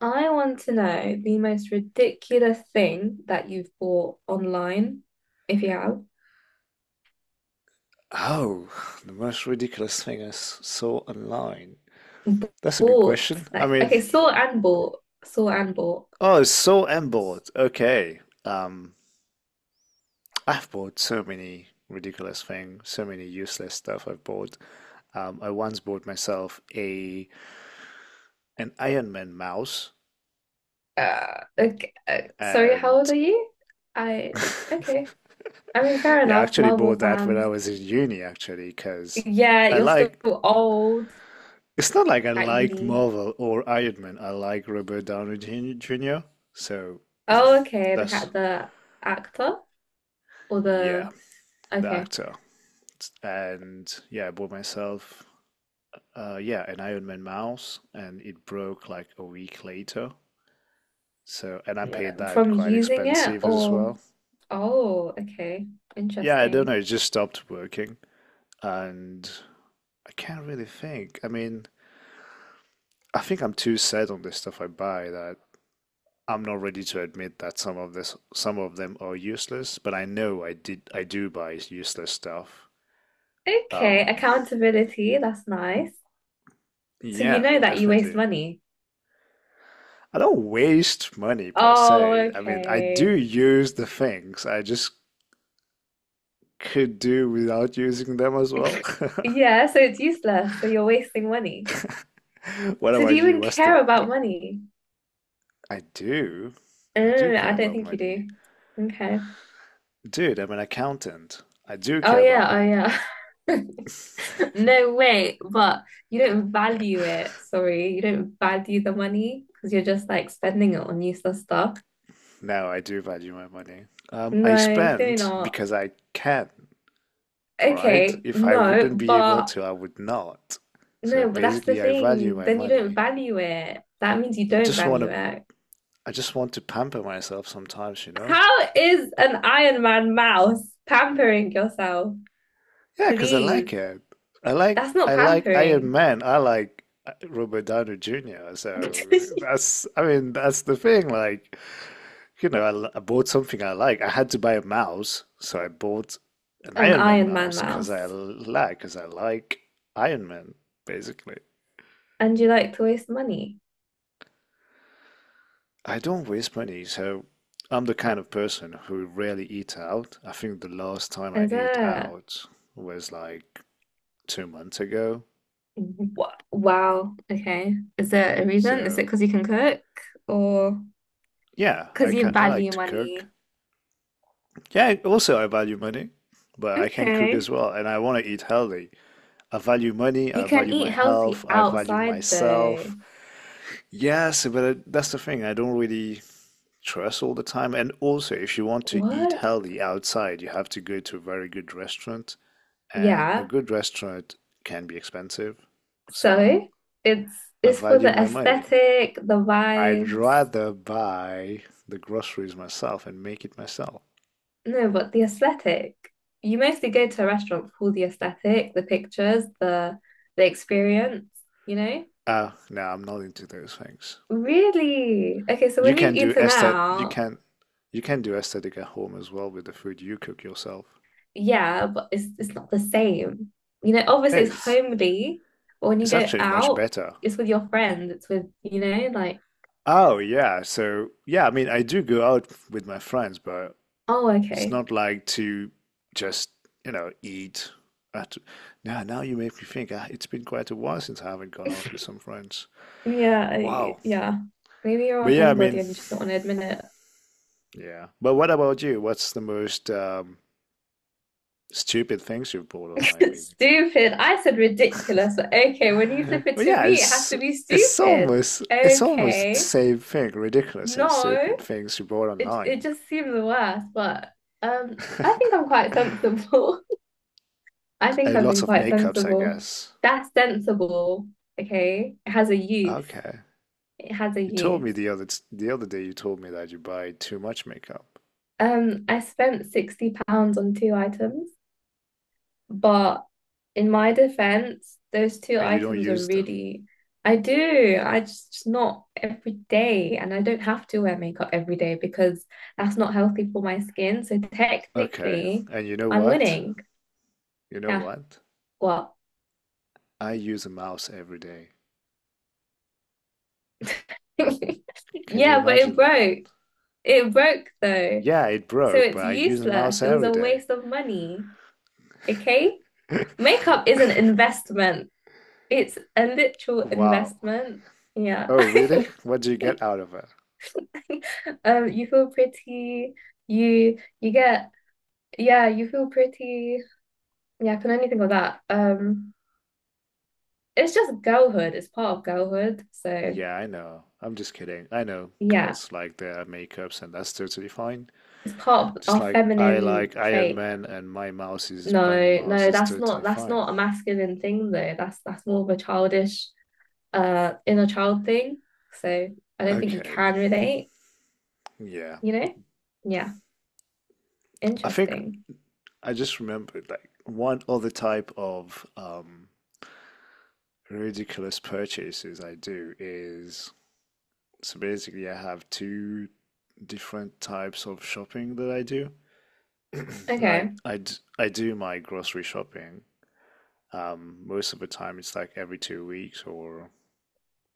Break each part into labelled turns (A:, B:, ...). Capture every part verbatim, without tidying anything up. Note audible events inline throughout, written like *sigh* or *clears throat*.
A: I want to know the most ridiculous thing that you've bought online, if you have.
B: Oh, *sighs* the most ridiculous thing I s- saw online.
A: B-
B: That's a good
A: Bought,
B: question. I
A: like,
B: mean,
A: okay, saw and bought, saw and bought.
B: oh, so I'm bored. Okay. Um, I've bought so many ridiculous things, so many useless stuff I've bought. Um, I once bought myself a an Iron Man mouse,
A: Uh, okay, uh, Sorry, how old
B: and
A: are you? I,
B: *laughs*
A: okay. I mean, fair
B: yeah, I
A: enough,
B: actually
A: Marvel
B: bought that when I
A: fans.
B: was in uni, actually, because
A: Yeah,
B: I
A: you're still
B: like
A: old
B: it's not like I
A: at
B: like
A: uni.
B: Marvel or Iron Man. I like Robert Downey Junior Junior, So
A: Oh,
B: *clears throat*
A: okay, the
B: that's,
A: cat, the actor or
B: yeah,
A: the,
B: the
A: okay,
B: actor. And yeah, I bought myself, uh, yeah, an Iron Man mouse and it broke like a week later. So, and I paid that
A: from
B: quite
A: using it
B: expensive as
A: or,
B: well.
A: oh, okay,
B: Yeah, I don't
A: interesting.
B: know. It just stopped working. And I can't really think. I mean, I think I'm too set on the stuff I buy that I'm not ready to admit that some of this, some of them are useless, but I know I did, I do buy useless stuff.
A: Okay,
B: Um,
A: accountability, that's nice. So you
B: yeah,
A: know that you waste
B: definitely.
A: money.
B: I don't waste money per
A: Oh,
B: se. I mean, I do
A: okay.
B: use the things. I just could do without using them as well.
A: *laughs*
B: *laughs*
A: Yeah, so it's useless. So you're wasting money.
B: What
A: So do
B: about
A: you
B: you?
A: even
B: What's the
A: care about
B: what?
A: money?
B: I do, I do
A: Oh, I
B: care
A: don't
B: about
A: think you
B: money,
A: do. Okay.
B: dude. I'm an accountant. I do
A: Oh
B: care about
A: yeah,
B: money.
A: oh yeah. *laughs* No way, but you don't value it. Sorry, you don't value the money because you're just like
B: Oh,
A: spending it on useless stuff.
B: now I do value my money. Um, I
A: No, you do
B: spend
A: not.
B: because I can, right?
A: Okay,
B: If I
A: no,
B: wouldn't be able
A: but
B: to, I would not. So
A: no, but that's the
B: basically, I value
A: thing.
B: my
A: Then you don't
B: money.
A: value it. That means you
B: I
A: don't
B: just want
A: value
B: to,
A: it.
B: I just want to pamper myself sometimes, you know?
A: How is an Iron Man mouse pampering yourself?
B: Yeah, because I
A: Please.
B: like it. I like,
A: That's not
B: I like Iron
A: pampering.
B: Man. I like uh, Robert Downey Junior
A: *laughs*
B: So that's, I mean, that's the thing. Like, you know, I, l- I bought something I like. I had to buy a mouse, so I bought an
A: An
B: Iron Man
A: Iron Man
B: mouse because I
A: mouse.
B: like, because I like Iron Man, basically.
A: And you like to waste money.
B: I don't waste money, so I'm the kind of person who rarely eat out. I think the last time I
A: Is
B: ate
A: it?
B: out was like two months ago.
A: Wha- Wow. Okay. Is there a reason? Is
B: So
A: it because you can cook or
B: yeah, I
A: because you
B: can, I like
A: value
B: to cook.
A: money?
B: Yeah, also I value money, but I can cook
A: Okay.
B: as well, and I want to eat healthy. I value money,
A: You
B: I
A: can
B: value my
A: eat
B: health,
A: healthy
B: I value
A: outside though.
B: myself. Yes, but it- that's the thing. I don't really trust all the time. And also, if you want to eat
A: What?
B: healthy outside, you have to go to a very good restaurant, and a
A: Yeah.
B: good restaurant can be expensive. So
A: So it's
B: I
A: it's for the
B: value my money.
A: aesthetic, the
B: I'd
A: vibes.
B: rather buy the groceries myself and make it myself.
A: No, but the aesthetic. You mostly go to a restaurant for the aesthetic, the pictures, the the experience, you know?
B: Uh, no, I'm not into those things.
A: Really? Okay, so
B: You
A: when you've
B: can do
A: eaten
B: aesthet you
A: out,
B: can you can do aesthetic at home as well with the food you cook yourself.
A: yeah, but it's it's not the same. You know, obviously it's
B: It's
A: homely, but when you
B: it's
A: go
B: actually much
A: out,
B: better.
A: it's with your friends, it's with, you know, like,
B: Oh yeah, so yeah, I mean I do go out with my friends, but
A: oh,
B: it's
A: okay.
B: not like to just, you know, eat. At, now, now you make me think. Ah, it's been quite a while since I haven't gone out
A: *laughs*
B: with some friends.
A: Yeah,
B: Wow.
A: I- yeah. Maybe you're
B: But
A: a
B: yeah, I
A: homebody
B: mean,
A: and you just don't want to admit it.
B: yeah. But what about you? What's the most um, stupid things you've bought online,
A: *laughs*
B: basically?
A: Stupid. I said ridiculous, but okay, when you
B: *laughs*
A: flip it
B: Well,
A: to
B: yeah,
A: me, it has
B: it's
A: to be
B: it's
A: stupid.
B: almost it's almost the
A: Okay.
B: same thing. Ridiculous and
A: No,
B: stupid things you bought
A: it
B: online.
A: it just seems the worst. But um I think I'm
B: *laughs* A
A: quite sensible. *laughs* I think I've
B: lot
A: been
B: of
A: quite
B: makeups, I
A: sensible.
B: guess.
A: That's sensible. Okay. It has a use.
B: Okay.
A: It has a
B: You told
A: use.
B: me the other the other day you told me that you buy too much makeup
A: Um, I spent sixty pounds on two items. But in my defense, those two
B: and you don't
A: items are
B: use them.
A: really, I do. I just, just not every day. And I don't have to wear makeup every day because that's not healthy for my skin. So
B: Okay.
A: technically,
B: And you know
A: I'm
B: what?
A: winning.
B: You know
A: Yeah,
B: what?
A: what?
B: I use a mouse every day.
A: *laughs*
B: Can you
A: Yeah, but it
B: imagine that?
A: broke. It broke though.
B: Yeah, it
A: So
B: broke, but
A: it's
B: I use a
A: useless.
B: mouse
A: It was
B: every
A: a
B: day.
A: waste of money. Okay?
B: *laughs*
A: Makeup is an investment. It's a literal
B: Wow.
A: investment. Yeah.
B: Oh, really? What do you get
A: *laughs*
B: out of it?
A: *laughs* Um, you feel pretty, you you get yeah, you feel pretty. Yeah, I can only think of that. Um, it's just girlhood. It's part of girlhood. So
B: Yeah, I know. I'm just kidding. I know
A: yeah,
B: girls like their makeups, and that's totally fine.
A: it's part of
B: Just
A: our
B: like I
A: feminine
B: like Iron
A: trait.
B: Man, and my mouse is buying a
A: No,
B: mouse
A: no,
B: is
A: that's not
B: totally
A: that's
B: fine.
A: not a masculine thing though. That's that's more of a childish, uh, inner child thing. So I don't think you
B: Okay,
A: can relate,
B: yeah.
A: you know? Yeah,
B: I think
A: interesting.
B: I just remembered like one other type of um ridiculous purchases I do is so basically I have two different types of shopping that I do. *clears throat* Like
A: Okay.
B: I d I do my grocery shopping. Um, most of the time it's like every two weeks or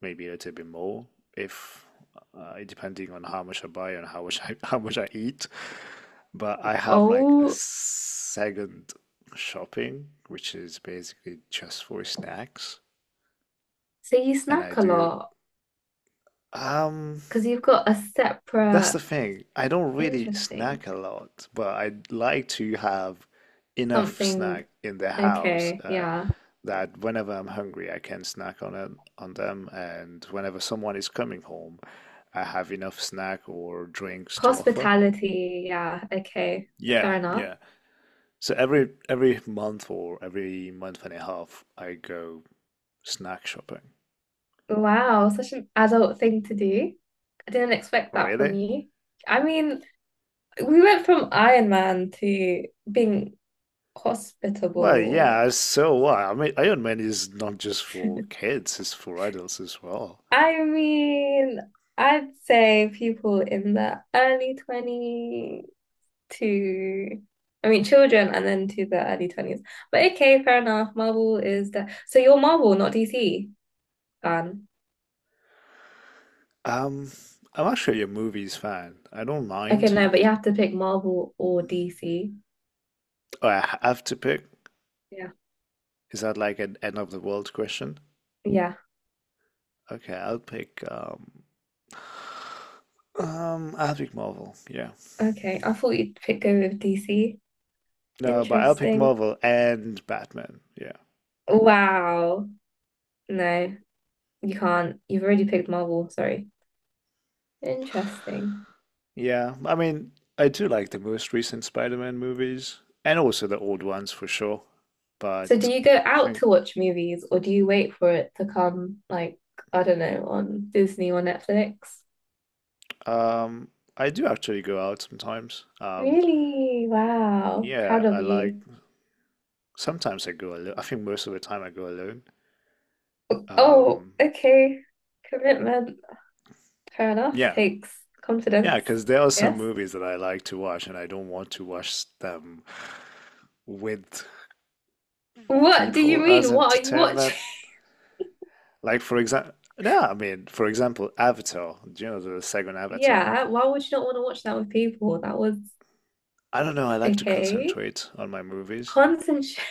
B: maybe a little bit more if uh, depending on how much I buy and how much *laughs* I how much I eat. But I have like a
A: Oh,
B: second shopping, which is basically just for snacks,
A: so you
B: and I
A: snack a
B: do.
A: lot
B: um
A: because you've got a
B: That's the
A: separate
B: thing. I don't really
A: interesting.
B: snack a lot, but I like to have enough
A: Something.
B: snack in the house,
A: Okay.
B: uh,
A: Yeah.
B: that whenever I'm hungry, I can snack on it, on them, and whenever someone is coming home, I have enough snack or drinks to offer.
A: Hospitality. Yeah. Okay.
B: Yeah,
A: Fair enough.
B: yeah. So every every month or every month and a half, I go snack shopping.
A: Wow. Such an adult thing to do. I didn't expect that from
B: Really?
A: you. I mean, we went from Iron Man to being
B: Well,
A: hospitable.
B: yeah, so what? I mean, Iron Man is not just for
A: *laughs*
B: kids, it's for adults as well.
A: I mean, I'd say people in the early twenties to, I mean, children and then to the early twenties. But okay, fair enough. Marvel is the, so you're Marvel, not D C fan.
B: Um, I'm actually a movie's fan. I don't
A: Okay,
B: mind.
A: no, but you have to pick Marvel or D C.
B: Oh, I have to pick.
A: Yeah.
B: Is that like an end of the world question?
A: Yeah.
B: Okay, I'll pick um um I'll pick Marvel. Yeah.
A: Okay. I thought you'd pick, go with D C.
B: No, but I'll pick
A: Interesting.
B: Marvel and Batman. Yeah. Sure.
A: Wow. No, you can't. You've already picked Marvel, sorry. Interesting.
B: Yeah. I mean, I do like the most recent Spider-Man movies and also the old ones for sure.
A: So do
B: But
A: you go
B: I
A: out
B: think
A: to watch movies or do you wait for it to come like, I don't know, on Disney or Netflix?
B: um I do actually go out sometimes. Um
A: Really? Wow.
B: yeah,
A: Proud of
B: I like
A: you.
B: sometimes I go alone. I think most of the time I go alone.
A: Oh,
B: Um,
A: okay. Commitment. Fair enough.
B: yeah.
A: Takes
B: Yeah,
A: confidence.
B: because there are some
A: Yes.
B: movies that I like to watch and I don't want to watch them with
A: What do you
B: people
A: mean?
B: as
A: What are you watching?
B: entertainment.
A: *laughs*
B: Like for example, no, I mean, for example, Avatar, do you know, the second Avatar.
A: Yeah, why would you not want to watch that with people? That was
B: I don't know, I like to
A: okay.
B: concentrate on my movies.
A: Concentrate.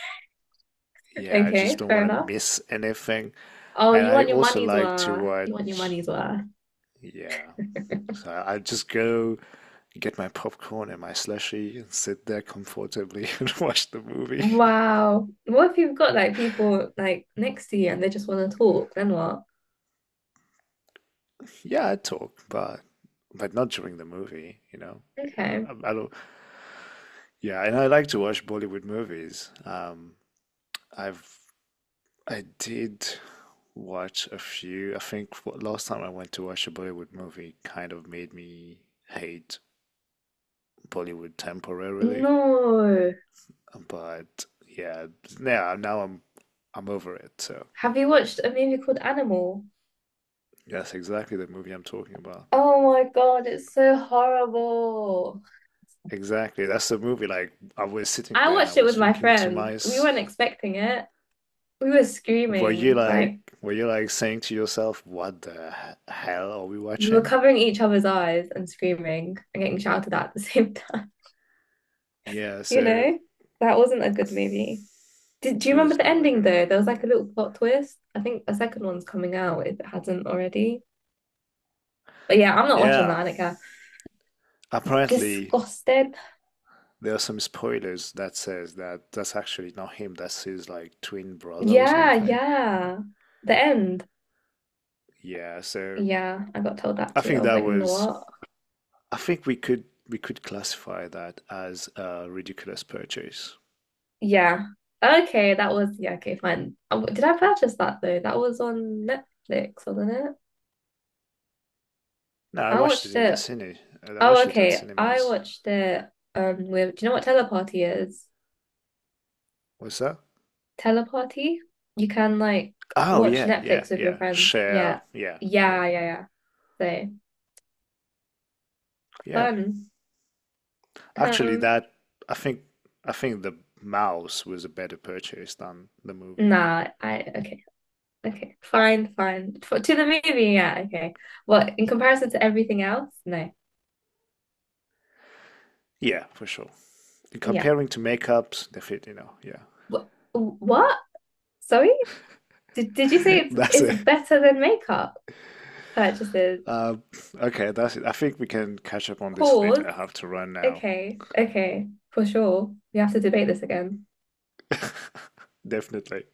A: *laughs*
B: Yeah, I just
A: Okay,
B: don't
A: fair
B: want to
A: enough.
B: miss anything.
A: Oh,
B: And
A: you
B: I
A: want your
B: also
A: money's
B: like to
A: worth. You want your
B: watch,
A: money's worth.
B: yeah. So I I just go get my popcorn and my slushy and sit there comfortably *laughs* and watch the movie.
A: Wow. What if you've got like people like next to you and they just want to talk? Then what?
B: *laughs* Yeah, I talk, but but not during the movie, you know. Yeah,
A: Okay.
B: I, I don't. Yeah, and I like to watch Bollywood movies. Um, I've I did watch a few. I think f- last time I went to watch a Bollywood movie kind of made me hate Bollywood temporarily.
A: No.
B: But yeah, now now I'm I'm over it. So
A: Have you watched a movie called Animal?
B: that's exactly the movie I'm talking about.
A: Oh my God, it's so horrible.
B: Exactly. That's the movie. Like I was sitting
A: I
B: there and I
A: watched it
B: was
A: with my
B: thinking to
A: friend. We weren't
B: myself,
A: expecting it. We were
B: were you
A: screaming,
B: like
A: like
B: were you like saying to yourself, what the h- hell are we
A: we were
B: watching?
A: covering each other's eyes and screaming and getting shouted at at the same *laughs* time,
B: Yeah,
A: you
B: so
A: know? That wasn't a good movie. Did, do you
B: it
A: remember
B: was
A: the
B: not a
A: ending
B: good
A: though?
B: movie
A: There
B: at
A: was like a
B: all.
A: little plot twist. I think a second one's coming out if it hasn't already. But yeah, I'm not watching
B: Yeah,
A: that, Annika.
B: apparently
A: Disgusted.
B: there are some spoilers that says that that's actually not him, that's his like twin brother or
A: Yeah,
B: something.
A: yeah. The end.
B: Yeah, so
A: Yeah, I got told that
B: I
A: too.
B: think
A: I was
B: that
A: like, "Mm,
B: was
A: what?
B: I think we could we could classify that as a ridiculous purchase.
A: Yeah. Okay, that was yeah, okay, fine. Um, Did I purchase that though? That was on Netflix, wasn't it?
B: No, I
A: I
B: watched it
A: watched
B: in the
A: it.
B: cine. I
A: Oh,
B: watched it at
A: okay. I
B: cinemas.
A: watched it um with, do you know what Teleparty is?
B: What's that?
A: Teleparty? You can like
B: Oh
A: watch
B: yeah, yeah,
A: Netflix with your
B: yeah.
A: friends.
B: Share.
A: Yeah.
B: Yeah, yeah,
A: Yeah, yeah, yeah. So
B: yeah.
A: fun.
B: Actually,
A: Um
B: that I think I think the mouse was a better purchase than the movie.
A: nah, I okay, okay. Fine, fine. For, to the movie, yeah, okay. Well, in comparison to everything else, no.
B: Yeah, for sure.
A: Yeah.
B: Comparing to makeups, they fit. You know,
A: Wh- what? Sorry? Did, did you
B: yeah.
A: say
B: *laughs*
A: it's
B: That's
A: it's
B: it.
A: better than makeup purchases?
B: Um, okay, that's it. I think we can catch up on this later.
A: Pause.
B: I have to run now.
A: Okay, okay, for sure. We have to debate this again.
B: Definitely.